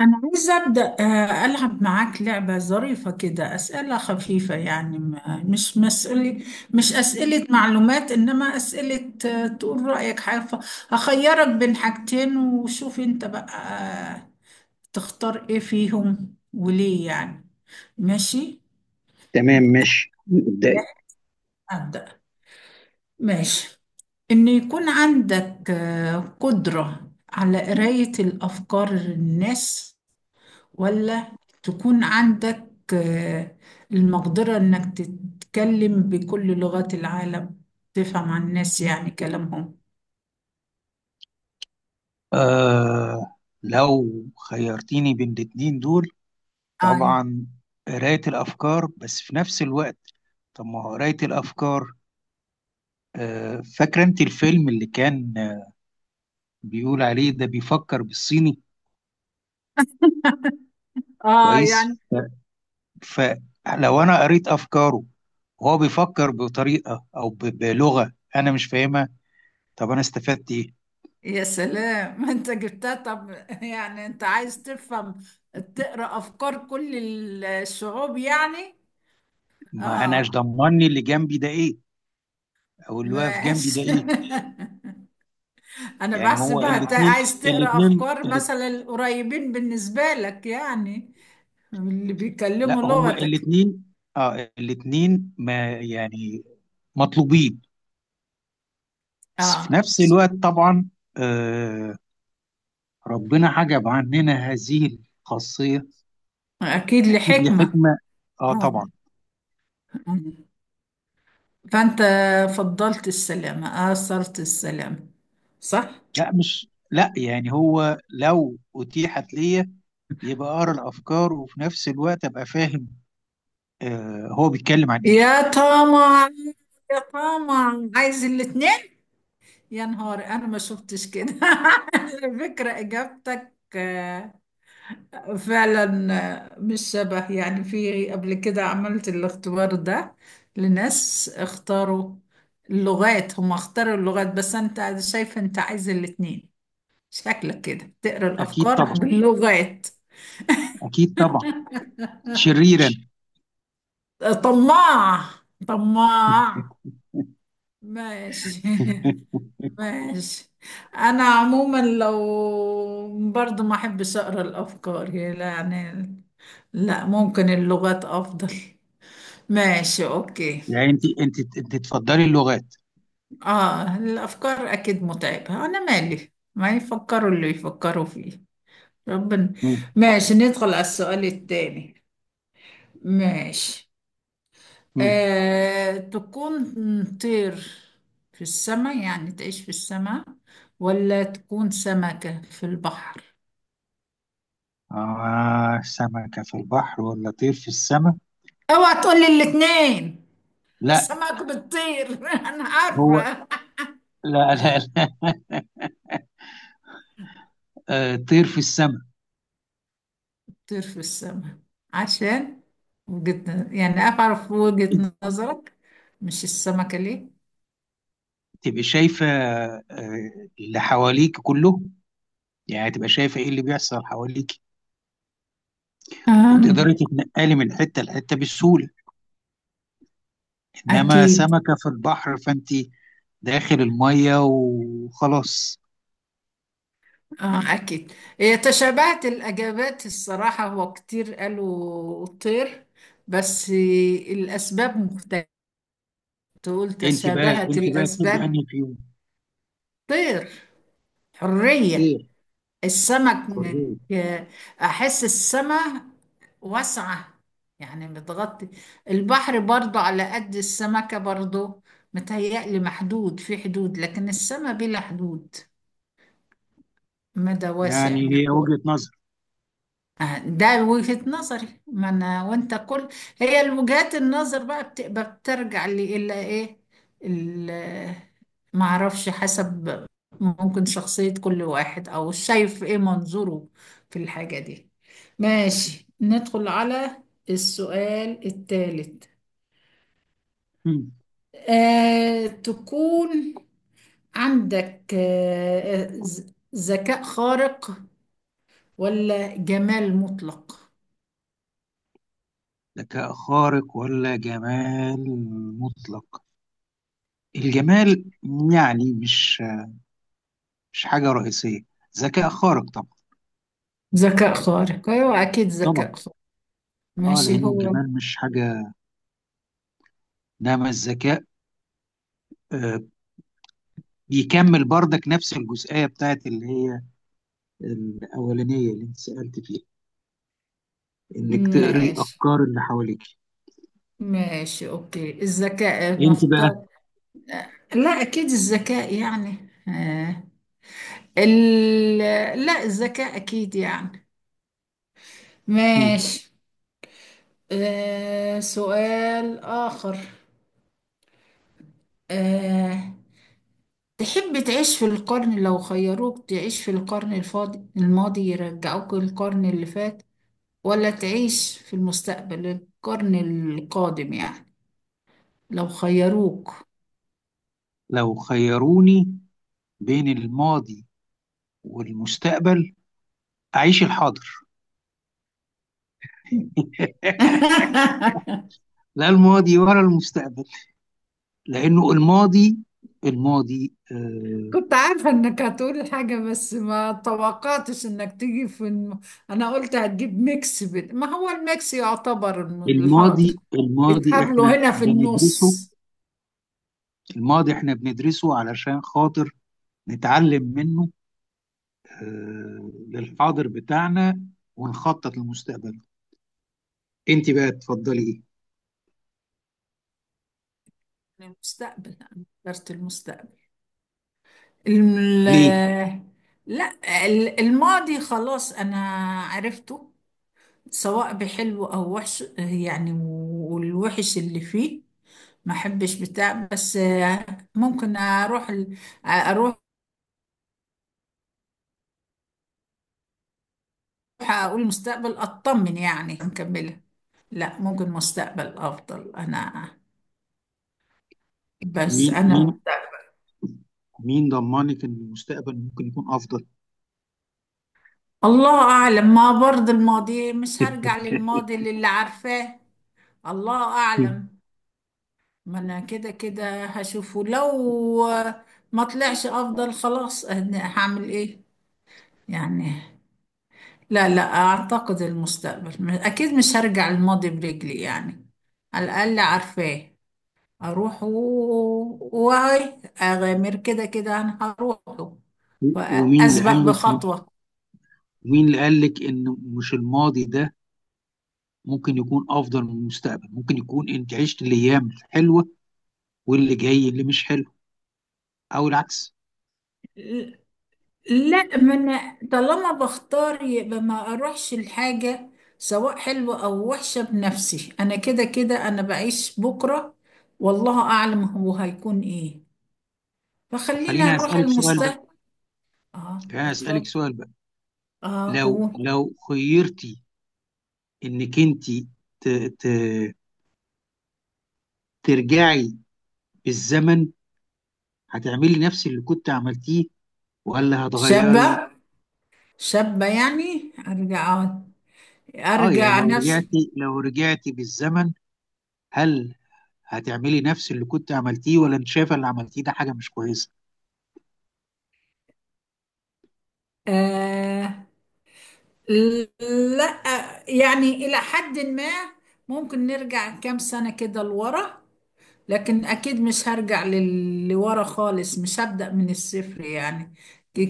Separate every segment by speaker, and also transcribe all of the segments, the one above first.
Speaker 1: أنا عايزة أبدأ ألعب معاك لعبة ظريفة كده. أسئلة خفيفة، يعني مش مسألة، مش أسئلة معلومات، إنما أسئلة تقول رأيك حاجة. هخيرك بين حاجتين وشوف أنت بقى آه، تختار إيه فيهم وليه يعني. ماشي.
Speaker 2: تمام، ماشي ابدأي.
Speaker 1: أبدأ. ماشي. إن يكون عندك قدرة على قراية الأفكار الناس، ولا تكون عندك آه، المقدرة إنك تتكلم بكل لغات العالم، تفهم عن الناس يعني كلامهم.
Speaker 2: آه لو خيرتيني بين الاتنين دول
Speaker 1: أيوة.
Speaker 2: طبعا قراية الأفكار، بس في نفس الوقت طب ما هو قراية الأفكار؟ آه، فاكرة أنت الفيلم اللي كان بيقول عليه ده بيفكر بالصيني؟
Speaker 1: آه
Speaker 2: كويس.
Speaker 1: يعني.
Speaker 2: ف- فلو أنا قريت أفكاره وهو بيفكر بطريقة أو بلغة أنا مش فاهمها، طب أنا استفدت إيه؟
Speaker 1: يا سلام أنت جبتها طب. يعني أنت عايز تفهم، تقرأ أفكار كل الشعوب يعني.
Speaker 2: ما أناش
Speaker 1: آه.
Speaker 2: ضمني اللي جنبي ده إيه، أو اللي واقف جنبي ده
Speaker 1: ماشي.
Speaker 2: إيه.
Speaker 1: أنا
Speaker 2: يعني هو
Speaker 1: بحسبها عايز تقرأ أفكار مثلا القريبين بالنسبة لك، يعني اللي
Speaker 2: لا،
Speaker 1: بيكلموا
Speaker 2: هما
Speaker 1: لغتك.
Speaker 2: الاثنين. اه، الاثنين ما يعني مطلوبين، بس في
Speaker 1: آه.
Speaker 2: نفس الوقت طبعا. آه، ربنا حجب عننا هذه الخاصية
Speaker 1: أكيد
Speaker 2: أكيد
Speaker 1: لحكمة.
Speaker 2: لحكمة. اه
Speaker 1: آه.
Speaker 2: طبعا.
Speaker 1: آه. فأنت فضلت السلامة، آثرت السلامة، صح؟
Speaker 2: لا، مش لا، يعني هو لو أتيحت ليا يبقى أقرأ الأفكار، وفي نفس الوقت أبقى فاهم آه هو بيتكلم عن إيه.
Speaker 1: يا طمع، يا طمع، عايز الاتنين. يا نهار أنا ما شفتش كده. على فكرة إجابتك فعلا مش شبه، يعني في قبل كده عملت الاختبار ده لناس اختاروا اللغات، هم اختاروا اللغات، بس أنت شايف أنت عايز الاتنين. شكلك كده تقرا
Speaker 2: أكيد
Speaker 1: الافكار
Speaker 2: طبعا،
Speaker 1: باللغات.
Speaker 2: أكيد طبعا، شريرا.
Speaker 1: طماع، طماع. ماشي. ماشي. انا عموما لو برضو ما احبش اقرا الافكار يعني. لا، ممكن اللغات افضل. ماشي اوكي.
Speaker 2: يعني أنت، أنت تفضلي اللغات.
Speaker 1: اه، الافكار اكيد متعبه، انا مالي ما يفكروا اللي يفكروا فيه. ربنا. ماشي، ندخل على السؤال التاني. ماشي.
Speaker 2: مم.
Speaker 1: تكون طير في السماء يعني تعيش في السماء، ولا تكون سمكة في البحر.
Speaker 2: آه، سمكة في البحر ولا طير في السماء؟
Speaker 1: اوعى تقولي الاتنين.
Speaker 2: لا،
Speaker 1: السمك بتطير. انا
Speaker 2: هو،
Speaker 1: عارفة.
Speaker 2: لا آه، طير في السماء.
Speaker 1: طير في السماء، عشان وجهة، يعني اعرف وجهة نظرك، مش السمكة ليه.
Speaker 2: تبقى شايفة آه اللي حواليك كله، يعني تبقى شايفة إيه اللي بيحصل حواليك،
Speaker 1: آه.
Speaker 2: وتقدري تتنقلي من حتة لحتة بسهولة. إنما
Speaker 1: اكيد.
Speaker 2: سمكة في البحر فأنت داخل المية وخلاص.
Speaker 1: اه اكيد. هي تشابهت الاجابات الصراحه، هو كتير قالوا طير، بس الاسباب مختلفه، تقول
Speaker 2: أنت بقى،
Speaker 1: تشابهت
Speaker 2: أنت بقى تحب
Speaker 1: الاسباب.
Speaker 2: أنهي فيهم؟
Speaker 1: طير، حريه.
Speaker 2: طير،
Speaker 1: السمك من-
Speaker 2: حرية.
Speaker 1: احس السماء واسعه يعني، متغطي. البحر برضه على قد السمكه برضه، متهيألي محدود في حدود، لكن السماء بلا حدود، مدى واسع
Speaker 2: يعني هي
Speaker 1: مفتوح.
Speaker 2: وجهة نظر.
Speaker 1: ده وجهة نظري. ما انا وانت كل هي الوجهات النظر بقى بتبقى بترجع لي الا ايه، ال- ما اعرفش، حسب. ممكن شخصية كل واحد، او شايف ايه منظوره في الحاجة دي. ماشي، ندخل على السؤال الثالث. تكون عندك ذكاء خارق، ولا جمال مطلق.
Speaker 2: ذكاء خارق ولا جمال مطلق؟ الجمال يعني مش حاجة رئيسية، ذكاء خارق طبعا.
Speaker 1: ذكاء خارق، أيوة أكيد
Speaker 2: طبعا.
Speaker 1: ذكاء خارق.
Speaker 2: اه
Speaker 1: ماشي.
Speaker 2: لأنه
Speaker 1: هو
Speaker 2: الجمال مش حاجة، إنما الذكاء آه بيكمل بردك نفس الجزئية بتاعت اللي هي الأولانية اللي أنت سألت فيها، إنك تقري
Speaker 1: ماشي.
Speaker 2: أفكار اللي حواليك.
Speaker 1: ماشي أوكي، الذكاء
Speaker 2: أنت بقى.
Speaker 1: نختار. لا أكيد الذكاء يعني. آه. ال... لا الذكاء أكيد يعني.
Speaker 2: مم.
Speaker 1: ماشي. آه. سؤال آخر. آه. تحب تعيش في القرن، لو خيروك تعيش في القرن الفاضي، الماضي، يرجعوك للقرن اللي فات، ولا تعيش في المستقبل، القرن القادم يعني، لو خيروك.
Speaker 2: لو خيروني بين الماضي والمستقبل أعيش الحاضر. لا الماضي ولا المستقبل، لأنه الماضي، آه،
Speaker 1: كنت عارفة انك هتقول حاجة، بس ما توقعتش انك تيجي في انا قلت هتجيب ميكس، بين ما هو الميكس يعتبر الحاضر.
Speaker 2: الماضي
Speaker 1: اتقابلوا
Speaker 2: احنا
Speaker 1: هنا في
Speaker 2: بندرسه،
Speaker 1: النص.
Speaker 2: الماضي احنا بندرسه علشان خاطر نتعلم منه آه للحاضر بتاعنا، ونخطط للمستقبل. انت بقى تفضلي ايه؟
Speaker 1: المستقبل، انا اخترت المستقبل.
Speaker 2: ليه؟
Speaker 1: الم... لا، الماضي خلاص انا عرفته، سواء بحلو او وحش يعني، والوحش اللي فيه ما احبش بتاع. بس ممكن اروح اروح اقول مستقبل، اطمن يعني نكملها. لا ممكن مستقبل افضل انا. بس
Speaker 2: مين
Speaker 1: انا،
Speaker 2: مين مين ضمنك ان المستقبل ممكن يكون افضل؟
Speaker 1: الله اعلم، ما برضه الماضي مش هرجع للماضي اللي عارفاه. الله اعلم، ما انا كده كده هشوفه. لو ما طلعش افضل، خلاص أنا هعمل ايه يعني. لا لا، أعتقد المستقبل أكيد مش هرجع الماضي برجلي يعني، على الأقل عارفاه. أروح واي أغامر، كده كده أنا هروحه
Speaker 2: ومين اللي
Speaker 1: وأسبق
Speaker 2: قال لك،
Speaker 1: بخطوة.
Speaker 2: مين اللي قال لك ان مش الماضي ده ممكن يكون افضل من المستقبل؟ ممكن يكون انت عشت الايام الحلوه واللي جاي اللي مش حلو، او العكس.
Speaker 1: ل- لا، ما أنا طالما بختار يبقى ما أروحش الحاجة سواء حلوة أو وحشة بنفسي. أنا كده كده أنا بعيش بكرة والله أعلم هو هيكون إيه،
Speaker 2: طب
Speaker 1: فخلينا
Speaker 2: خليني
Speaker 1: نروح
Speaker 2: اسالك سؤال بقى،
Speaker 1: المستقبل. آه
Speaker 2: خليني اسالك
Speaker 1: اتفضل.
Speaker 2: سؤال بقى.
Speaker 1: آه
Speaker 2: لو
Speaker 1: قول.
Speaker 2: لو خيرتي انك انت ت... ت... ترجعي بالزمن، هتعملي نفس اللي كنت عملتيه ولا هتغيري؟
Speaker 1: شابة، شابة، يعني
Speaker 2: اه يعني
Speaker 1: أرجع
Speaker 2: لو
Speaker 1: نفسي.
Speaker 2: رجعتي، لو رجعتي بالزمن هل هتعملي نفس اللي كنت عملتيه، ولا انت شايفه اللي عملتيه ده حاجه مش كويسه؟
Speaker 1: آه. لا يعني إلى حد ما، ممكن نرجع كام سنة كده لورا، لكن أكيد مش هرجع لورا خالص، مش هبدأ من الصفر يعني.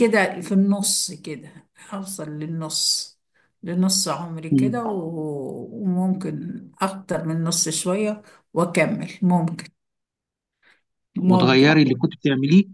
Speaker 1: كده في النص، كده هوصل للنص، لنص عمري
Speaker 2: مم.
Speaker 1: كده، وممكن أكتر من نص شوية وأكمل. ممكن، ممكن.
Speaker 2: وتغيري اللي كنت بتعمليه.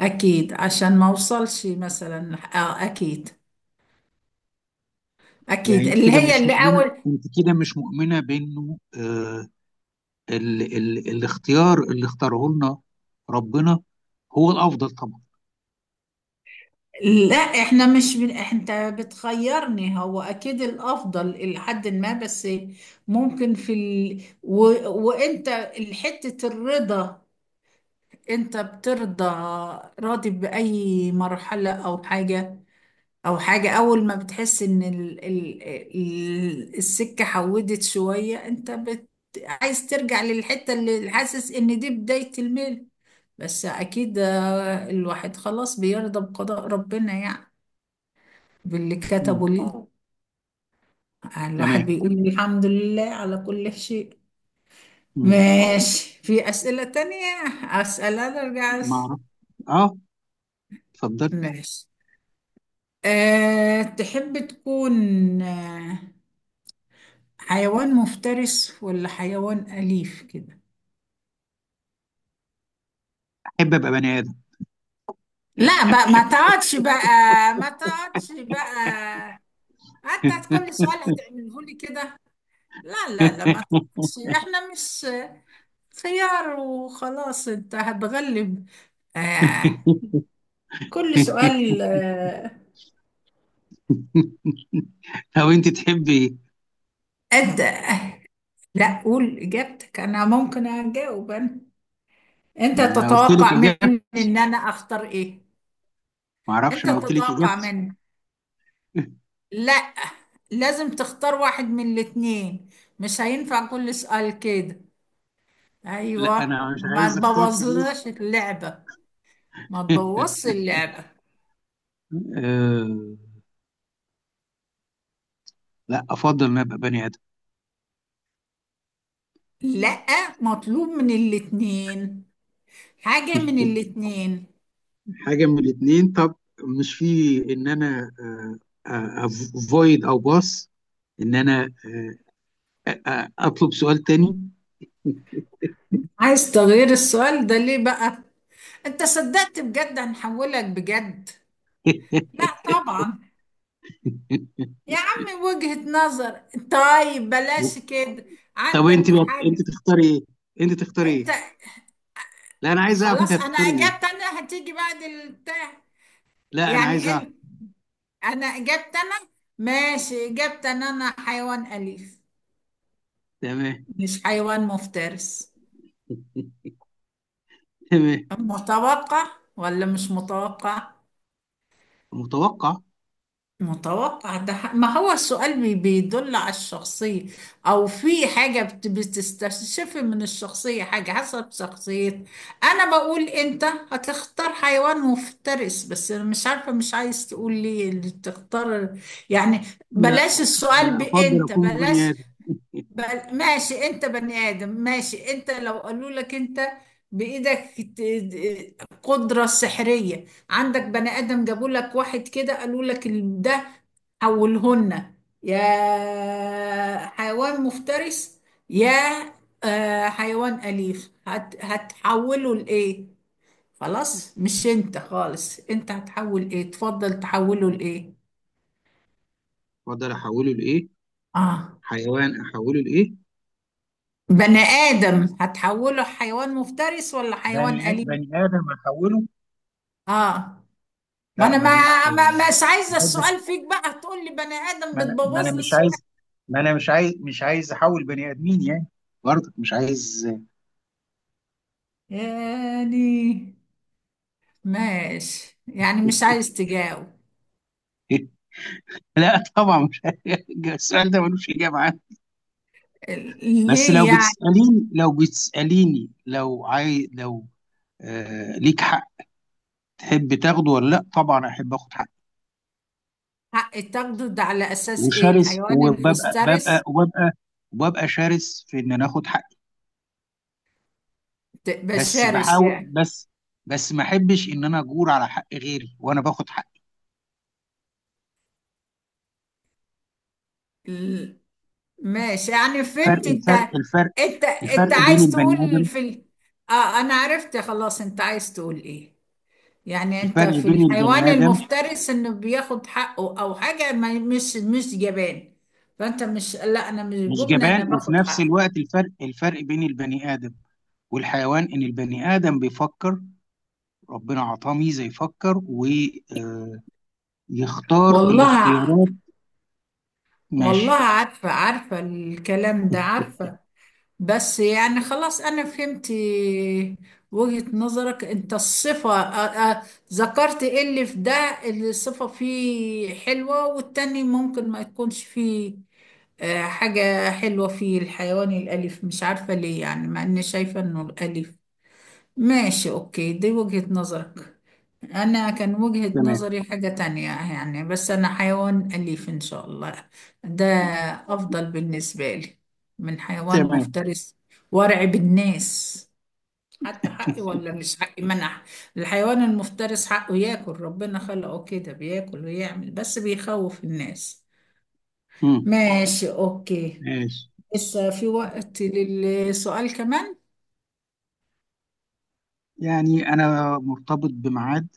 Speaker 1: أكيد، عشان ما أوصلش مثلا آه أكيد،
Speaker 2: يعني
Speaker 1: أكيد
Speaker 2: انت
Speaker 1: اللي
Speaker 2: كده
Speaker 1: هي
Speaker 2: مش
Speaker 1: اللي
Speaker 2: مؤمنه،
Speaker 1: أول.
Speaker 2: انت كده مش مؤمنه بانه ال الاختيار اللي اختاره لنا ربنا هو الافضل طبعا؟
Speaker 1: لا إحنا مش من أنت بتخيرني، هو أكيد الأفضل إلى حد ما، بس ممكن في وأنت حتة الرضا، أنت بترضى راضي بأي مرحلة أو حاجة، او حاجة. اول ما بتحس ان ال السكة حودت شوية، انت عايز ترجع للحتة اللي حاسس ان دي بداية الميل. بس اكيد الواحد خلاص بيرضى بقضاء ربنا يعني، باللي
Speaker 2: مم.
Speaker 1: كتبه ليه. الواحد
Speaker 2: تمام.
Speaker 1: بيقول الحمد لله على كل شيء.
Speaker 2: مم.
Speaker 1: ماشي، في اسئلة تانية اسألها،
Speaker 2: ما اعرف. اه، اتفضل.
Speaker 1: ماشي. أه، تحب تكون حيوان مفترس ولا حيوان أليف كده.
Speaker 2: احب ابقى بني ادم.
Speaker 1: لا بقى، ما تقعدش بقى، ما تقعدش بقى، انت كل سؤال هتعمله لي كده؟ لا لا لا ما تقعدش، احنا مش خيار وخلاص انت هتغلب. آه، كل سؤال آه.
Speaker 2: لو انت تحبي ايه؟
Speaker 1: أد... آه، لا قول إجابتك، أنا ممكن أجاوب أنا. أنت
Speaker 2: ما انا قلت لك
Speaker 1: تتوقع
Speaker 2: اجابتي،
Speaker 1: مني إن أنا أختار إيه.
Speaker 2: ما اعرفش،
Speaker 1: أنت
Speaker 2: انا قلت لك
Speaker 1: تتوقع
Speaker 2: اجابتي.
Speaker 1: مني. لا، لازم تختار واحد من الاتنين، مش هينفع كل سؤال كده.
Speaker 2: لا،
Speaker 1: ايوه
Speaker 2: انا مش
Speaker 1: ما
Speaker 2: عايز اختار في دول.
Speaker 1: تبوظلناش اللعبة. ما تبوظش اللعبة.
Speaker 2: آه، لا، افضل ان أنا ابقى بني ادم.
Speaker 1: لا، مطلوب من الاتنين حاجة من الاتنين.
Speaker 2: حاجه من الاثنين؟ طب مش في ان انا افويد او باص، ان انا اطلب سؤال تاني؟
Speaker 1: عايز تغيير السؤال ده ليه بقى؟ انت صدقت بجد، هنحولك بجد. لا طبعا، يا عم وجهة نظر، طيب بلاش كده.
Speaker 2: طب انت
Speaker 1: عندك
Speaker 2: بقى،
Speaker 1: حد؟
Speaker 2: انت تختاري ايه؟ انت تختاري
Speaker 1: انت
Speaker 2: ايه؟ لا، انا عايز اعرف انت
Speaker 1: خلاص، انا
Speaker 2: هتختاري
Speaker 1: اجابت
Speaker 2: ايه.
Speaker 1: انا هتيجي بعد البتاع.
Speaker 2: لا، انا عايز
Speaker 1: يعني
Speaker 2: اعرف.
Speaker 1: انا اجابت انا، ماشي، اجابت ان انا حيوان اليف،
Speaker 2: تمام.
Speaker 1: مش حيوان مفترس.
Speaker 2: تمام.
Speaker 1: متوقع ولا مش متوقع؟
Speaker 2: متوقع.
Speaker 1: متوقع، ده ما هو السؤال بيدل على الشخصية، أو في حاجة بتستشف من الشخصية حاجة حسب شخصية. أنا بقول أنت هتختار حيوان مفترس، بس أنا مش عارفة، مش عايز تقول لي اللي تختار يعني.
Speaker 2: لا،
Speaker 1: بلاش السؤال
Speaker 2: انا افضل
Speaker 1: بأنت،
Speaker 2: اكون بني
Speaker 1: بلاش.
Speaker 2: ادم.
Speaker 1: بل ماشي، انت بني ادم، ماشي. انت لو قالوا لك انت بايدك قدرة سحرية، عندك بني ادم جابوا لك واحد كده، قالوا لك ده حولهن، يا حيوان مفترس، يا حيوان أليف، هتحوله لإيه؟ خلاص مش انت خالص، انت هتحول ايه، تفضل تحوله لإيه.
Speaker 2: افضل احوله لايه؟
Speaker 1: اه.
Speaker 2: حيوان احوله لايه؟
Speaker 1: بني آدم هتحوله حيوان مفترس ولا حيوان أليف؟
Speaker 2: بني آدم أحوله؟
Speaker 1: اه. ما
Speaker 2: لا،
Speaker 1: انا
Speaker 2: ماليش في،
Speaker 1: ما ما مش
Speaker 2: ما
Speaker 1: عايزه
Speaker 2: بحبش،
Speaker 1: السؤال فيك بقى، هتقول لي بني ادم
Speaker 2: ما أنا
Speaker 1: بتبوظ لي
Speaker 2: مش
Speaker 1: السؤال.
Speaker 2: عايز، ما أنا مش عايز، مش عايز أحول بني آدمين يعني، برضك مش عايز.
Speaker 1: يعني ماشي، يعني مش عايز تجاوب.
Speaker 2: لا طبعا مش السؤال ده ملوش اجابه عنه.
Speaker 1: ال-
Speaker 2: بس لو
Speaker 1: ليه يعني؟
Speaker 2: بتساليني، لو بتساليني، لو آه ليك حق تحب تاخده ولا لا، طبعا احب اخد حقي.
Speaker 1: حق تاخده ده على اساس ايه،
Speaker 2: وشرس،
Speaker 1: الحيوان
Speaker 2: وببقى ببقى
Speaker 1: الفسترس؟
Speaker 2: وببقى وببقى شرس في ان انا اخد حقي، بس
Speaker 1: بشرس
Speaker 2: بحاول،
Speaker 1: يعني؟
Speaker 2: بس ما احبش ان انا اجور على حق غيري وانا باخد حقي.
Speaker 1: ال- ماشي، يعني
Speaker 2: فرق
Speaker 1: فهمت انت،
Speaker 2: الفرق الفرق
Speaker 1: انت انت
Speaker 2: الفرق بين
Speaker 1: عايز
Speaker 2: البني
Speaker 1: تقول
Speaker 2: ادم،
Speaker 1: في اه انا عرفت خلاص انت عايز تقول ايه. يعني انت
Speaker 2: الفرق
Speaker 1: في
Speaker 2: بين
Speaker 1: الحيوان
Speaker 2: البني ادم
Speaker 1: المفترس انه بياخد حقه، او حاجة ما، مش جبان. فانت مش، لا انا مش
Speaker 2: مش
Speaker 1: جبنة، انا
Speaker 2: جبان، وفي
Speaker 1: باخد
Speaker 2: نفس
Speaker 1: حقي.
Speaker 2: الوقت الفرق، بين البني ادم والحيوان، ان البني ادم بيفكر، ربنا عطاه ميزه يفكر ويختار
Speaker 1: والله،
Speaker 2: الاختيارات.
Speaker 1: والله
Speaker 2: ماشي.
Speaker 1: عارفة، عارفة الكلام ده عارفة. بس يعني خلاص أنا فهمت وجهة نظرك، أنت الصفة ذكرت إيه اللي في ده، اللي الصفة فيه حلوة، والتاني ممكن ما يكونش فيه حاجة حلوة فيه، الحيوان الأليف، مش عارفة ليه يعني، مع إني شايفة إنه الأليف. ماشي أوكي، دي وجهة نظرك، أنا كان وجهة
Speaker 2: تمام.
Speaker 1: نظري حاجة تانية يعني. بس أنا حيوان أليف إن شاء الله، ده أفضل بالنسبة لي من حيوان
Speaker 2: تمام.
Speaker 1: مفترس. وارع بالناس، حتى حقي ولا مش حقي منح. الحيوان المفترس حقه ياكل، ربنا خلقه كده بياكل ويعمل، بس بيخوف الناس.
Speaker 2: مم.
Speaker 1: ماشي أوكي.
Speaker 2: ماشي،
Speaker 1: لسه في وقت للسؤال كمان.
Speaker 2: يعني انا مرتبط بميعاد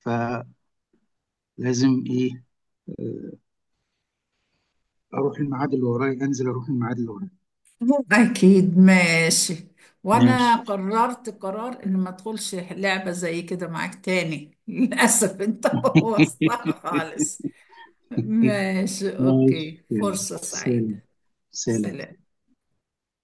Speaker 2: فلازم ايه آه، اروح الميعاد اللي ورايا، انزل اروح الميعاد اللي ورايا.
Speaker 1: أكيد ماشي، وأنا
Speaker 2: ماشي.
Speaker 1: قررت قرار إن ما أدخلش لعبة زي كده معاك تاني. للأسف أنت بوظتها خالص. ماشي
Speaker 2: ماشي
Speaker 1: أوكي،
Speaker 2: يلا.
Speaker 1: فرصة
Speaker 2: سلام،
Speaker 1: سعيدة.
Speaker 2: سلام.
Speaker 1: سلام.